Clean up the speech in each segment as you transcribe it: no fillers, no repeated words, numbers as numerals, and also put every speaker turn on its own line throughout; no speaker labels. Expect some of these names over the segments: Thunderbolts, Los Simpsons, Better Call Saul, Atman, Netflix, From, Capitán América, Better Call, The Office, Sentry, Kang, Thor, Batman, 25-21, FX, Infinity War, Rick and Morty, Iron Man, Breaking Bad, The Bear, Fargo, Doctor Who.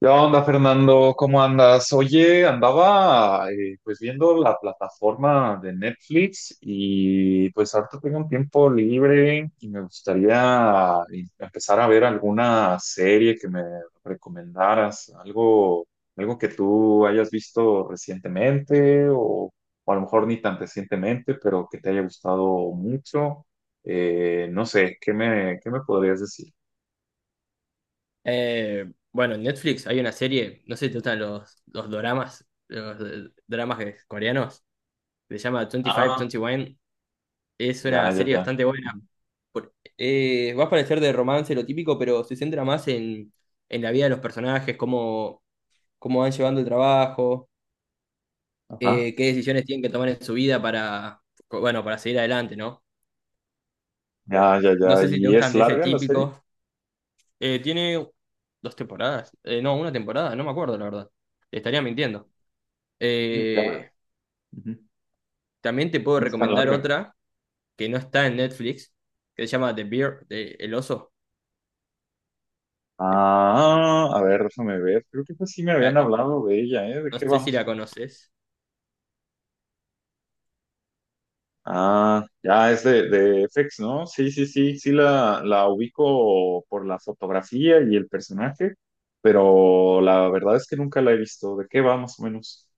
¿Qué onda, Fernando? ¿Cómo andas? Oye, andaba pues viendo la plataforma de Netflix, y pues ahorita tengo un tiempo libre y me gustaría empezar a ver alguna serie que me recomendaras, algo, algo que tú hayas visto recientemente o a lo mejor ni tan recientemente, pero que te haya gustado mucho. No sé, qué me podrías decir?
Eh, bueno, en Netflix hay una serie, no sé si te gustan los doramas, los dramas coreanos, se llama
Ah,
25-21. Es
ya,
una
ya,
serie
ya.
bastante buena.
Ujú.
Va a parecer de romance lo típico, pero se centra más en la vida de los personajes, cómo, cómo van llevando el trabajo,
Ajá.
qué decisiones tienen que tomar en su vida para, bueno, para seguir adelante, ¿no?
Ya, ya,
No
ya.
sé si te
¿Y es
gustan de ese
larga la serie?
típico. Tiene dos temporadas, no, una temporada, no me acuerdo la verdad. Te estaría mintiendo.
Sí, ya.
Eh,
Ujú.
También te puedo
No es tan
recomendar
larga.
otra que no está en Netflix, que se llama The Bear, El Oso. De-
Ah, a ver, déjame ver. Creo que pues sí me habían
la-
hablado de ella, ¿eh? ¿De
no
qué
sé si
vamos?
la conoces.
Ah, ya es de FX, ¿no? Sí, sí, sí, sí la ubico por la fotografía y el personaje, pero la verdad es que nunca la he visto. ¿De qué va más o menos?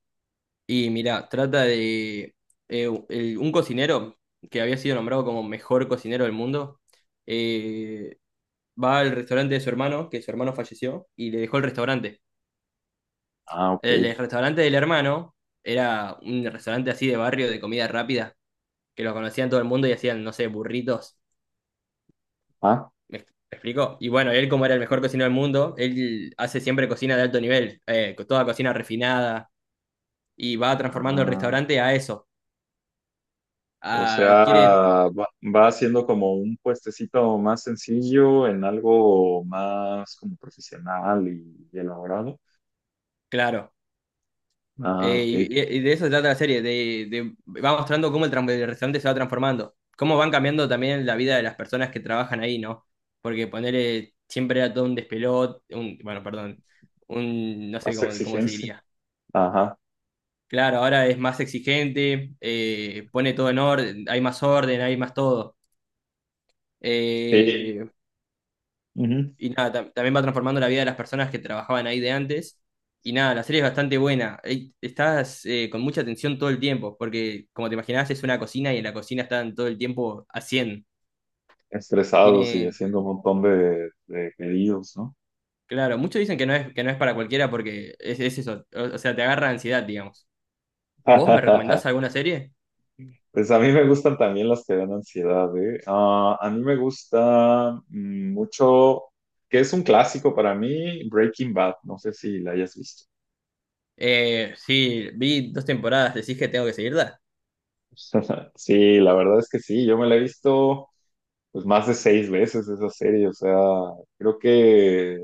Y mira, trata de un cocinero que había sido nombrado como mejor cocinero del mundo. eh, Va al restaurante de su hermano, que su hermano falleció, y le dejó el restaurante.
Ah, ok.
El restaurante del hermano era un restaurante así de barrio de comida rápida, que lo conocían todo el mundo y hacían, no sé, burritos.
Ah,
Me explico? Y bueno, él como era el mejor cocinero del mundo, él hace siempre cocina de alto nivel, con toda cocina refinada, y va transformando el
ah,
restaurante a eso.
o sea,
Quiere,
va, va haciendo como un puestecito más sencillo en algo más como profesional y elaborado.
claro,
Ah,
eh,
ok.
y, y de eso se trata la serie, va mostrando cómo el restaurante se va transformando, cómo van cambiando también la vida de las personas que trabajan ahí, ¿no? Porque ponerle siempre era todo un despelot, un, bueno, perdón, un, no sé
Más
cómo, cómo se
exigencia.
diría.
Ajá.
Claro, ahora es más exigente, pone todo en orden, hay más todo.
Sí.
Eh,
Ujú.
y nada, también va transformando la vida de las personas que trabajaban ahí de antes. Y nada, la serie es bastante buena. Estás con mucha atención todo el tiempo, porque como te imaginás, es una cocina y en la cocina están todo el tiempo a 100.
Estresados y
Tiene,
haciendo un montón de pedidos, ¿no?
claro, muchos dicen que que no es para cualquiera porque es eso, o sea, te agarra ansiedad, digamos. ¿Vos me recomendás alguna serie?
Pues a mí me gustan también las que dan ansiedad, ¿eh? Ah, a mí me gusta mucho, que es un clásico para mí, Breaking Bad. No sé si la hayas visto.
Sí, vi dos temporadas, decís que tengo que seguirla.
Sí, la verdad es que sí, yo me la he visto pues más de seis veces esa serie, o sea, creo que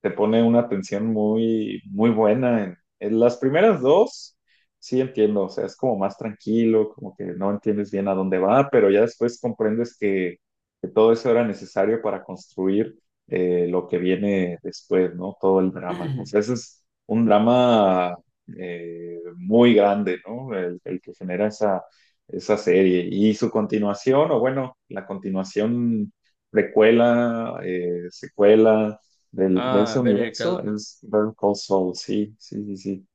te pone una tensión muy, muy buena. En las primeras dos, sí entiendo, o sea, es como más tranquilo, como que no entiendes bien a dónde va, pero ya después comprendes que todo eso era necesario para construir lo que viene después, ¿no? Todo el drama. O sea, ese es un drama muy grande, ¿no? El que genera esa, esa serie. Y su continuación, o bueno, la continuación, precuela, secuela de ese
Ah, Better
universo
Call.
es Better Call Saul. Sí, sí, sí, sí.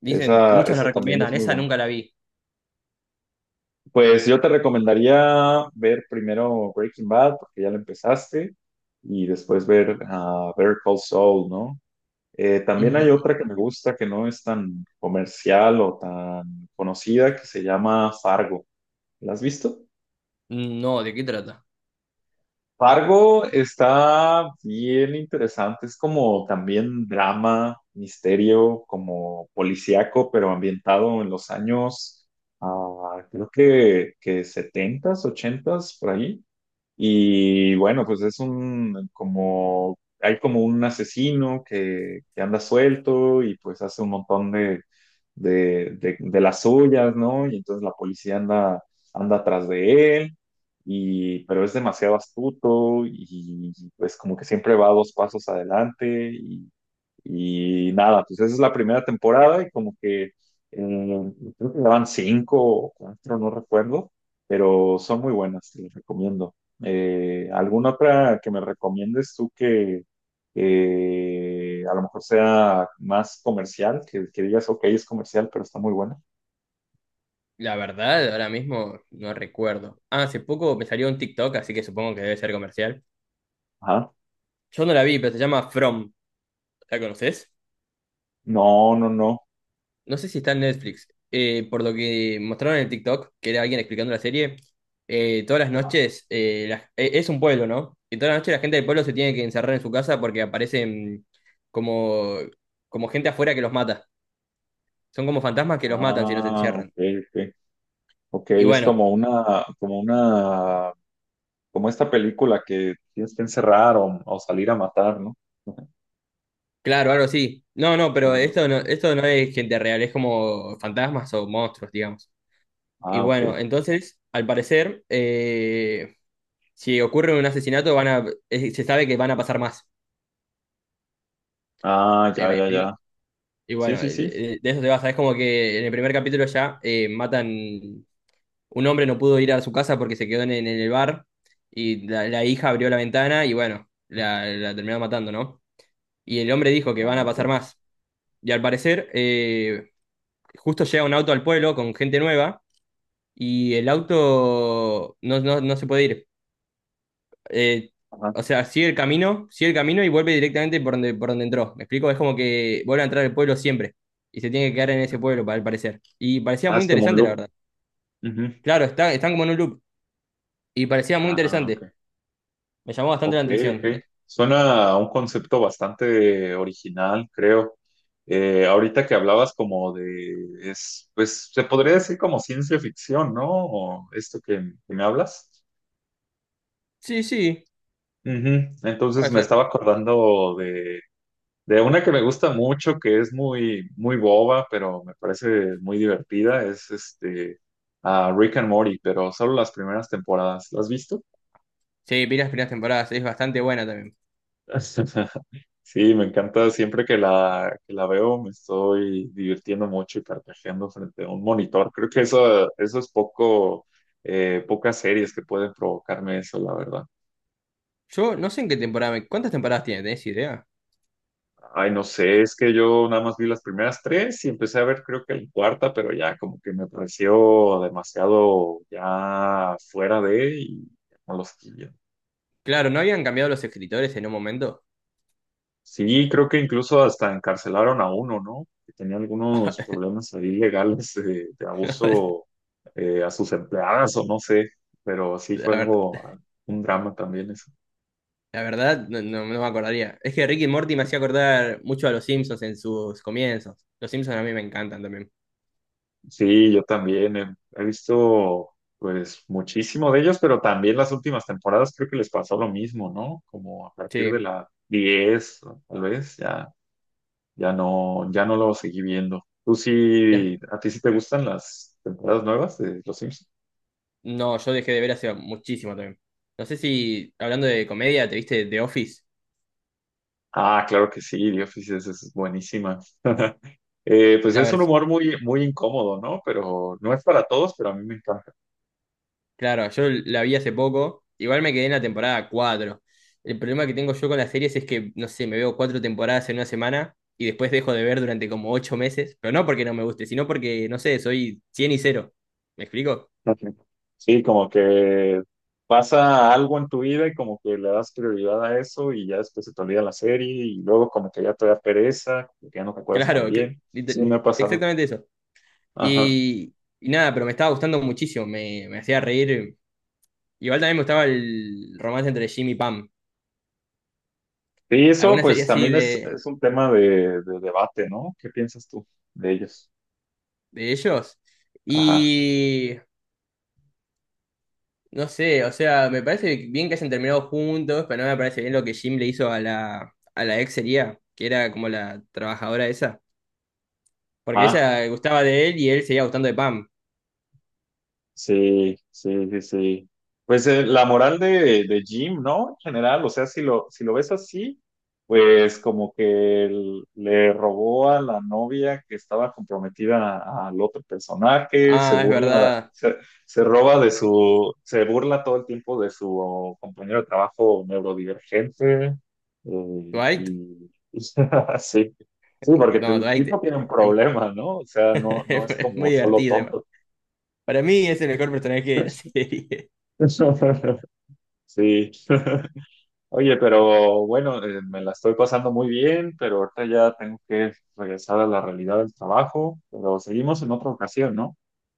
Dicen,
Esa,
muchos la
esa también es
recomiendan,
muy
esa
buena.
nunca la vi.
Pues yo te recomendaría ver primero Breaking Bad, porque ya lo empezaste, y después ver Better Call Saul, ¿no? También hay otra que me gusta que no es tan comercial o tan conocida, que se llama Fargo. ¿La has visto?
No, ¿de qué trata?
Fargo está bien interesante, es como también drama, misterio, como policíaco, pero ambientado en los años, ah, creo que setentas, ochentas, por ahí. Y bueno, pues es un como, hay como un asesino que anda suelto y pues hace un montón de las suyas, ¿no? Y entonces la policía anda, anda atrás de él, y, pero es demasiado astuto y pues como que siempre va dos pasos adelante y nada, pues esa es la primera temporada y como que creo que daban cinco o cuatro, no recuerdo, pero son muy buenas, te las recomiendo. ¿Alguna otra que me recomiendes tú que a lo mejor sea más comercial, que digas, ok, es comercial, pero está muy buena?
La verdad, ahora mismo no recuerdo. Ah, hace poco me salió un TikTok, así que supongo que debe ser comercial.
Ajá.
Yo no la vi, pero se llama From. ¿La conoces?
No, no, no.
No sé si está en Netflix. Por lo que mostraron en el TikTok, que era alguien explicando la serie, todas las noches, es un pueblo, ¿no? Y todas las noches la gente del pueblo se tiene que encerrar en su casa porque aparecen como, como gente afuera que los mata. Son como fantasmas que los matan si no se
Ah, ok,
encierran.
ok. Ok,
Y
es
bueno,
como una, como una como esta película que tienes que encerrar o salir a matar, ¿no?
claro, algo así. No, no, pero
Ah,
esto no es gente real, es como fantasmas o monstruos, digamos. Y
ah, ok.
bueno, entonces, al parecer, si ocurre un asesinato, se sabe que van a pasar más.
Ah, ya,
¿Me
ya,
explico?
ya.
Y
Sí,
bueno,
sí, sí.
de eso se basa. Es como que en el primer capítulo ya matan, un hombre no pudo ir a su casa porque se quedó en el bar y la hija abrió la ventana y bueno, la terminó matando, ¿no? Y el hombre dijo que van
Ah,
a
ok.
pasar más. Y al parecer, justo llega un auto al pueblo con gente nueva y el auto no se puede ir. Eh,
Ajá.
o sea, sigue el camino y vuelve directamente por donde entró. ¿Me explico? Es como que vuelve a entrar al pueblo siempre y se tiene que quedar en ese pueblo, al parecer. Y parecía
Ah,
muy
es como un
interesante, la
loop.
verdad.
Ujú.
Claro, está, están como en un loop y parecía muy
Ah, ok.
interesante. Me llamó bastante la
Ok,
atención. No.
ok. Suena a un concepto bastante original, creo. Ahorita que hablabas como de, es, pues se podría decir como ciencia ficción, ¿no? O esto que me hablas.
Sí, sí,
Ujú. Entonces
puede
me
ser.
estaba acordando de una que me gusta mucho, que es muy, muy boba, pero me parece muy divertida, es este a Rick and Morty, pero solo las primeras temporadas. ¿Las has visto?
Sí, vi las primeras temporadas, es bastante buena también.
Sí, me encanta siempre que la veo, me estoy divirtiendo mucho y carcajeando frente a un monitor. Creo que eso es poco, pocas series que pueden provocarme eso, la verdad.
Yo no sé en qué temporada, ¿cuántas temporadas tiene? ¿Tenés idea?
Ay, no sé, es que yo nada más vi las primeras tres y empecé a ver creo que la cuarta, pero ya como que me pareció demasiado ya fuera de y no los quería.
Claro, ¿no habían cambiado los escritores en un momento?
Sí, creo que incluso hasta encarcelaron a uno, ¿no? Que tenía algunos problemas ahí legales de abuso a sus empleadas o no sé, pero sí
La,
fue
ver-
algo, ah, un drama también eso.
la verdad, no me acordaría. Es que Ricky Morty me hacía acordar mucho a los Simpsons en sus comienzos. Los Simpsons a mí me encantan también.
Sí, yo también he, he visto pues muchísimo de ellos, pero también las últimas temporadas creo que les pasó lo mismo, ¿no? Como a partir de
Sí.
la 10 o tal vez ya ya no ya no lo seguí viendo. ¿Tú
Ya-
sí a ti sí te gustan las temporadas nuevas de Los Simpsons?
no, yo dejé de ver hace muchísimo también. No sé si, hablando de comedia, ¿te viste The Office?
Ah, claro que sí, The Office es buenísima. Pues
La
es un
vers-
humor muy muy incómodo, ¿no? Pero no es para todos, pero a mí me encanta.
claro, yo la vi hace poco. Igual me quedé en la temporada cuatro. El problema que tengo yo con las series es que, no sé, me veo cuatro temporadas en una semana y después dejo de ver durante como ocho meses. Pero no porque no me guste, sino porque, no sé, soy 100 y cero. ¿Me explico?
Ujú. Sí, como que pasa algo en tu vida y como que le das prioridad a eso y ya después se te olvida la serie y luego como que ya te da pereza, como que ya no te acuerdas tan
Claro,
bien. Sí, me ha pasado.
exactamente eso.
Ajá.
Y, y nada, pero me estaba gustando muchísimo, me hacía reír. Igual también me gustaba el romance entre Jim y Pam.
Y eso
Alguna serie
pues
así
también es un tema de debate, ¿no? ¿Qué piensas tú de ellos?
de ellos.
Ajá.
Y no sé, o sea, me parece bien que hayan terminado juntos, pero no me parece bien lo que Jim le hizo a a la ex sería, que era como la trabajadora esa. Porque
Ah,
ella gustaba de él y él seguía gustando de Pam.
sí, sí, sí, sí. Pues la moral de Jim, ¿no? En general, o sea, si lo, si lo ves así, pues como que él le robó a la novia que estaba comprometida al otro personaje, se
Ah, es
burla,
verdad.
se roba de su, se burla todo el tiempo de su compañero de trabajo neurodivergente.
Dwight.
Y sí, sí, porque
No,
el tipo
Dwight
tiene un problema, ¿no? O sea, no, no es
es
como
muy
solo
divertido.
tonto.
Para mí es el mejor personaje de la serie.
Sí. Oye, pero bueno, me la estoy pasando muy bien, pero ahorita ya tengo que regresar a la realidad del trabajo, pero seguimos en otra ocasión, ¿no?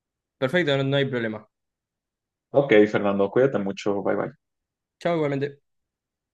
Perfecto, no, no hay problema.
Ok, Fernando, cuídate mucho, bye bye.
Chao igualmente.